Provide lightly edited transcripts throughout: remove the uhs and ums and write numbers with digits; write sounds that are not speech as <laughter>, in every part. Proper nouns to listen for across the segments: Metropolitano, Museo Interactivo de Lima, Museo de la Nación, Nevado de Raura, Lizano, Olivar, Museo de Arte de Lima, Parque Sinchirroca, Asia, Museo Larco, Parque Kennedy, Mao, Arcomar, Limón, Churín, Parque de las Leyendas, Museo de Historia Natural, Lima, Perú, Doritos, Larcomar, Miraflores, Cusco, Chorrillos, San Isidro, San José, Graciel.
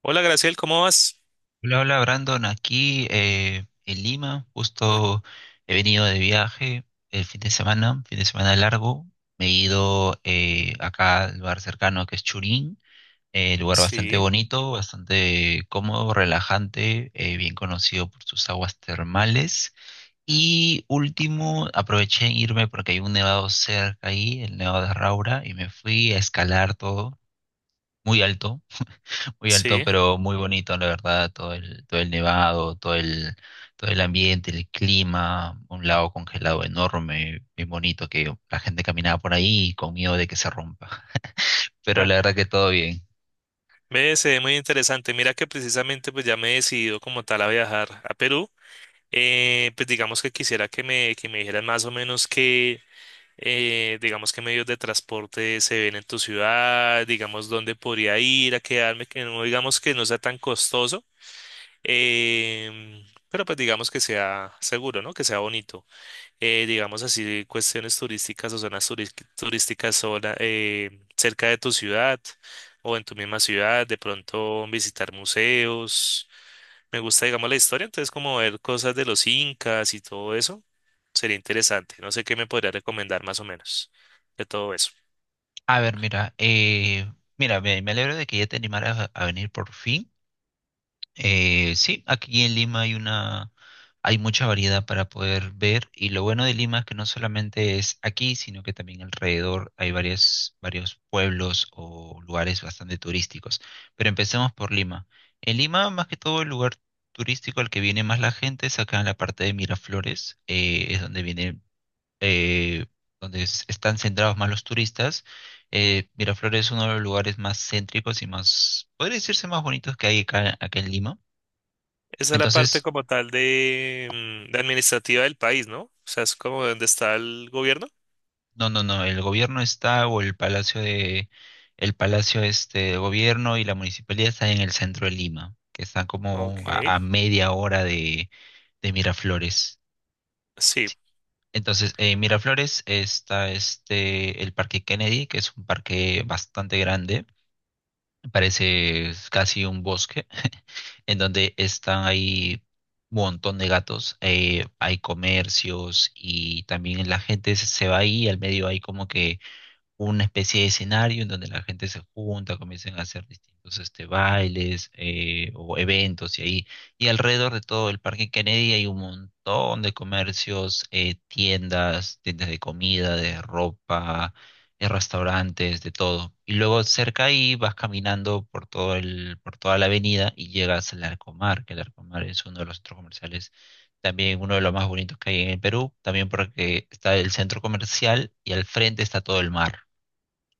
Hola, Graciel, ¿cómo vas? Hola, hola Brandon, aquí en Lima, justo he venido de viaje el fin de semana largo, me he ido acá al lugar cercano que es Churín, lugar bastante Sí, bonito, bastante cómodo, relajante, bien conocido por sus aguas termales. Y último, aproveché en irme porque hay un nevado cerca ahí, el Nevado de Raura, y me fui a escalar todo, muy alto muy alto, sí. pero muy bonito, la verdad, todo el nevado, todo el ambiente, el clima, un lago congelado enorme, bien bonito, que la gente caminaba por ahí con miedo de que se rompa. <laughs> Pero Ah, la verdad que todo bien. ve, se ve muy interesante. Mira que precisamente pues ya me he decidido como tal a viajar a Perú. Pues digamos que quisiera que me dijeras más o menos qué, digamos qué medios de transporte se ven en tu ciudad, digamos dónde podría ir a quedarme, que no digamos que no sea tan costoso, em, pero pues digamos que sea seguro, ¿no? Que sea bonito. Digamos así, cuestiones turísticas o zonas turísticas sola, cerca de tu ciudad o en tu misma ciudad, de pronto visitar museos. Me gusta, digamos, la historia, entonces como ver cosas de los incas y todo eso, sería interesante. No sé qué me podría recomendar más o menos de todo eso. A ver, mira, mira, me alegro de que ya te animaras a venir por fin. Sí, aquí en Lima hay mucha variedad para poder ver y lo bueno de Lima es que no solamente es aquí, sino que también alrededor hay varios pueblos o lugares bastante turísticos. Pero empecemos por Lima. En Lima, más que todo, el lugar turístico al que viene más la gente es acá en la parte de Miraflores, es donde viene, eh, están centrados más los turistas. Miraflores es uno de los lugares más céntricos y más, podría decirse más bonitos que hay acá en Lima Esa es la parte entonces, como tal de, mm, de administrativa del país, ¿no? O sea, es como donde está el gobierno. No, el gobierno está o el palacio este de gobierno y la municipalidad está en el centro de Lima, que está como Ok, a media hora de Miraflores. sí, Entonces, en Miraflores está este el Parque Kennedy, que es un parque bastante grande, parece casi un bosque, <laughs> en donde están ahí un montón de gatos, hay comercios y también la gente se va ahí, al medio hay como que una especie de escenario en donde la gente se junta, comienzan a hacer distintos este, bailes o eventos y ahí. Y alrededor de todo el Parque Kennedy hay un montón de comercios, tiendas, tiendas de comida, de ropa, restaurantes, de todo. Y luego cerca ahí vas caminando por todo el, por toda la avenida y llegas al Arcomar, que el Arcomar es uno de los centros comerciales también uno de los más bonitos que hay en el Perú, también porque está el centro comercial y al frente está todo el mar.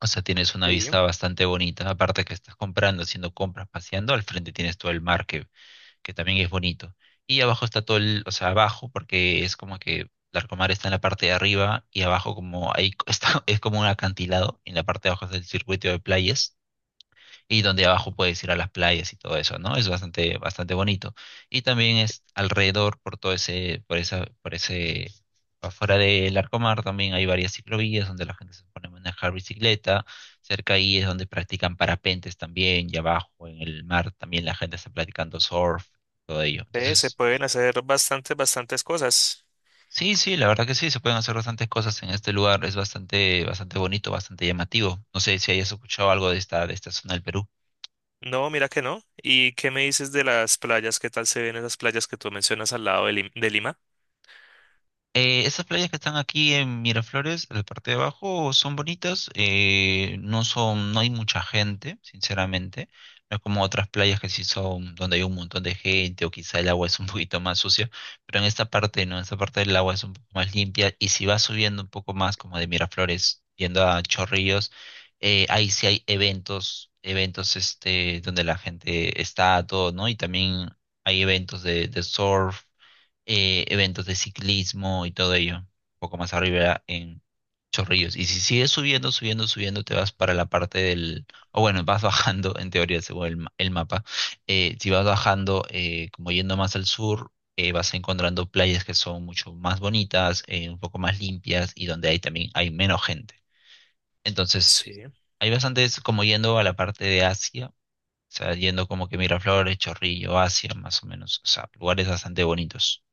O sea, tienes una sí. vista bastante bonita, aparte que estás comprando, haciendo compras, paseando, al frente tienes todo el mar que también es bonito. Y abajo está todo el, o sea, abajo, porque es como que Larcomar está en la parte de arriba y abajo como ahí <laughs> está, es como un acantilado, y en la parte de abajo está el circuito de playas y donde abajo puedes ir a las playas y todo eso, ¿no? Es bastante, bastante bonito. Y también es alrededor por todo ese, por ese, afuera del Arcomar también hay varias ciclovías donde la gente se pone a manejar bicicleta. Cerca ahí es donde practican parapentes también, y abajo en el mar también la gente está practicando surf, todo ello. Se Entonces, pueden hacer bastantes, bastantes cosas. sí, sí, la verdad que sí, se pueden hacer bastantes cosas en este lugar. Es bastante, bastante bonito, bastante llamativo. No sé si hayas escuchado algo de esta zona del Perú. No, mira que no. ¿Y qué me dices de las playas? ¿Qué tal se ven esas playas que tú mencionas al lado de, de Lima? Estas playas que están aquí en Miraflores, en la parte de abajo, son bonitas. No son, no hay mucha gente, sinceramente. No es como otras playas que sí son donde hay un montón de gente o quizá el agua es un <laughs> poquito más sucia. Pero en esta parte, no, en esta parte el agua es un poco más limpia. Y si vas subiendo un poco más, como de Miraflores, yendo a Chorrillos, ahí sí hay eventos, eventos este, donde la gente está, todo, ¿no? Y también hay eventos de surf eventos de ciclismo y todo ello, un poco más arriba en Chorrillos. Y si sigues subiendo, subiendo, subiendo, te vas para la parte del, o bueno, vas bajando en teoría según el mapa. Si vas bajando, como yendo más al sur, vas encontrando playas que son mucho más bonitas, un poco más limpias y donde hay también hay menos gente. Entonces, Sí, hay bastantes como yendo a la parte de Asia. O sea, yendo como que Miraflores, Chorrillo, Asia, más o menos. O sea, lugares bastante bonitos.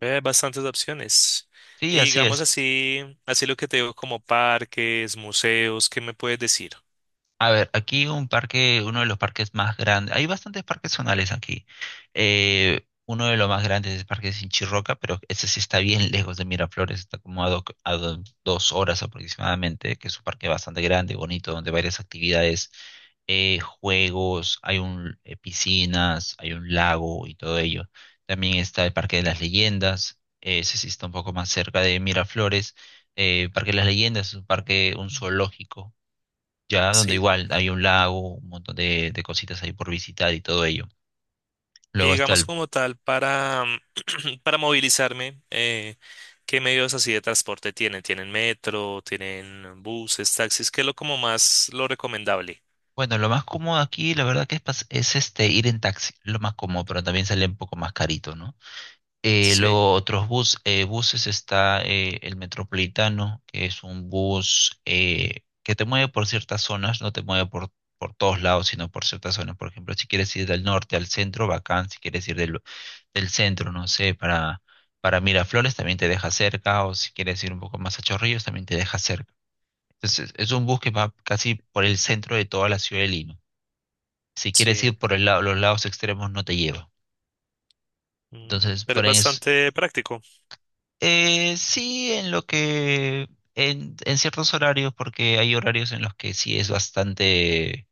hay bastantes opciones. Sí, Y así digamos es. así, así lo que te digo como parques, museos, ¿qué me puedes decir? A ver, aquí un parque, uno de los parques más grandes, hay bastantes parques zonales aquí. Uno de los más grandes es el Parque Sinchirroca, pero ese sí está bien lejos de Miraflores, está como dos horas aproximadamente, que es un parque bastante grande, bonito, donde hay varias actividades, juegos, hay un, piscinas, hay un lago y todo ello. También está el Parque de las Leyendas, ese sí está un poco más cerca de Miraflores. Parque de las Leyendas es un parque, un Mm. zoológico ya donde Sí. igual hay un lago, un montón de cositas ahí por visitar y todo ello. Y Luego está digamos el, como tal <clears throat> para movilizarme, ¿qué medios así de transporte tienen? ¿Tienen metro? ¿Tienen buses, taxis? ¿Qué es lo como más lo recomendable? bueno, lo más cómodo aquí, la verdad que es, es este ir en taxi, lo más cómodo, pero también sale un poco más carito, ¿no? Sí, Luego buses está el Metropolitano, que es un bus que te mueve por ciertas zonas, no te mueve por todos lados, sino por ciertas zonas. Por ejemplo, si quieres ir del norte al centro, bacán. Si quieres ir del centro, no sé, para Miraflores también te deja cerca, o si quieres ir un poco más a Chorrillos también te deja cerca. Entonces, es un bus que va casi por el centro de toda la ciudad de Lima. Si quieres sí. ir por el lado, los lados extremos, no te lleva. Ujú. Entonces, Pero por es ahí es, bastante práctico. Sí, en ciertos horarios, porque hay horarios en los que sí es bastante,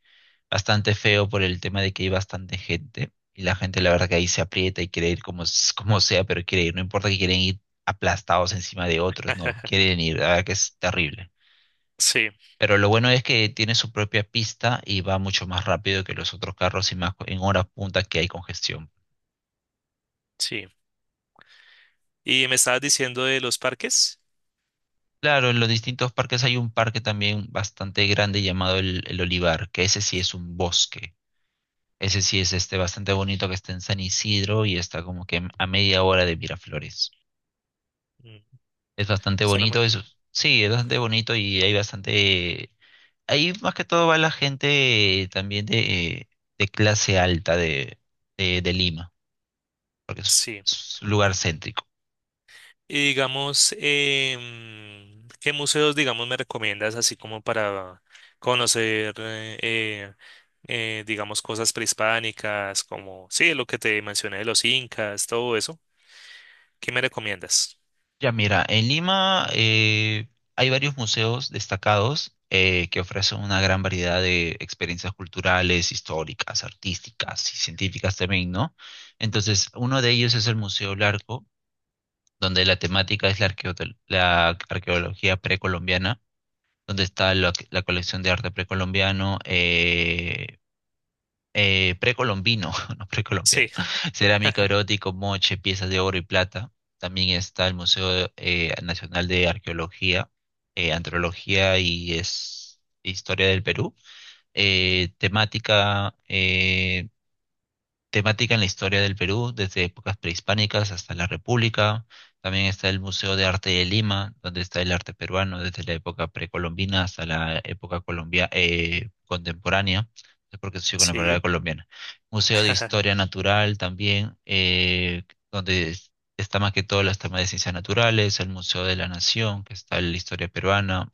bastante feo por el tema de que hay bastante gente y la gente la verdad que ahí se aprieta y quiere ir como, como sea, pero quiere ir, no importa que quieren ir aplastados encima de otros, no, quieren ir, la verdad que es terrible. Sí. Pero lo bueno es que tiene su propia pista y va mucho más rápido que los otros carros y más en horas punta que hay congestión. Sí. Y me estabas diciendo de los parques. Claro, en los distintos parques hay un parque también bastante grande llamado el Olivar, que ese sí es un bosque. Ese sí es este bastante bonito que está en San Isidro y está como que a media hora de Miraflores. Mm. Es bastante Suena bonito muy... eso. Sí, es bastante bonito y hay bastante... Ahí más que todo va la gente también de clase alta de Lima, porque Sí. es un lugar céntrico. Y digamos, ¿qué museos, digamos, me recomiendas así como para conocer, digamos, cosas prehispánicas, como, sí, lo que te mencioné de los incas, todo eso? ¿Qué me recomiendas? Ya mira, en Lima hay varios museos destacados que ofrecen una gran variedad de experiencias culturales, históricas, artísticas y científicas también, ¿no? Entonces, uno de ellos es el Museo Larco, donde la temática es la arqueología precolombiana, donde está la colección de arte precolombiano, precolombino, <laughs> no Sí, precolombiano, cerámica erótico, moche, piezas de oro y plata. También está el Museo Nacional de Arqueología, Antropología y es Historia del Perú. Eh, temática, eh, Temática en la historia del Perú, desde épocas prehispánicas hasta la República. También está el Museo de Arte de Lima, donde está el arte peruano desde la época precolombina hasta la época colombia, contemporánea. Porque estoy con la palabra sí, colombiana. Museo de Historia <laughs> Natural también, donde es- está más que todo las temas de ciencias naturales, el Museo de la Nación, que está en la historia peruana,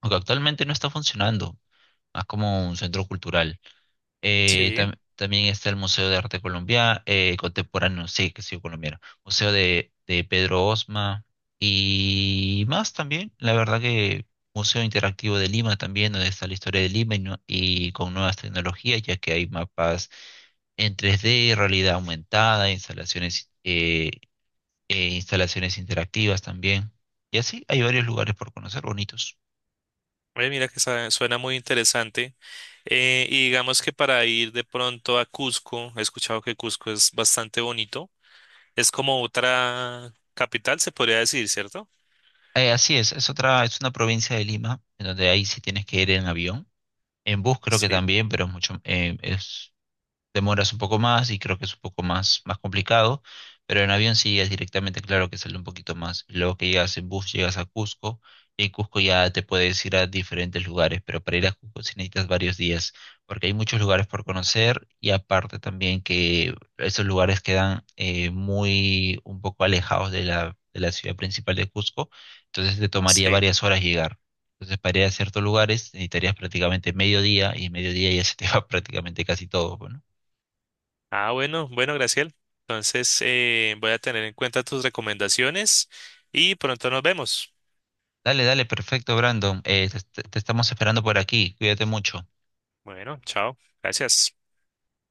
aunque actualmente no está funcionando, más como un centro cultural. Sí. También está el Museo de Arte Colombia, Contemporáneo, sí, que sí, colombiano. Museo de Pedro Osma y más también. La verdad que Museo Interactivo de Lima también, donde está la historia de Lima y con nuevas tecnologías, ya que hay mapas en 3D, realidad aumentada, instalaciones, instalaciones interactivas también. Y así hay varios lugares por conocer bonitos. Mira que suena muy interesante. Y digamos que para ir de pronto a Cusco, he escuchado que Cusco es bastante bonito. Es como otra capital, se podría decir, ¿cierto? Así es otra, es una provincia de Lima, en donde ahí sí tienes que ir en avión. En bus creo que Sí, también, pero es mucho, es, demoras un poco más y creo que es un poco más, más complicado, pero en avión sí es directamente claro que sale un poquito más. Luego que llegas en bus, llegas a Cusco y en Cusco ya te puedes ir a diferentes lugares, pero para ir a Cusco sí necesitas varios días, porque hay muchos lugares por conocer y aparte también que esos lugares quedan muy un poco alejados de de la ciudad principal de Cusco, entonces te tomaría sí. varias horas llegar. Entonces, para ir a ciertos lugares necesitarías prácticamente medio día y en medio día ya se te va <laughs> prácticamente casi todo, pues, ¿no? Ah, bueno, bueno, Graciel. Entonces, voy a tener en cuenta tus recomendaciones y pronto nos vemos. Dale, dale, perfecto, Brandon. Te estamos esperando por aquí. Cuídate mucho. Bueno, chao. Gracias.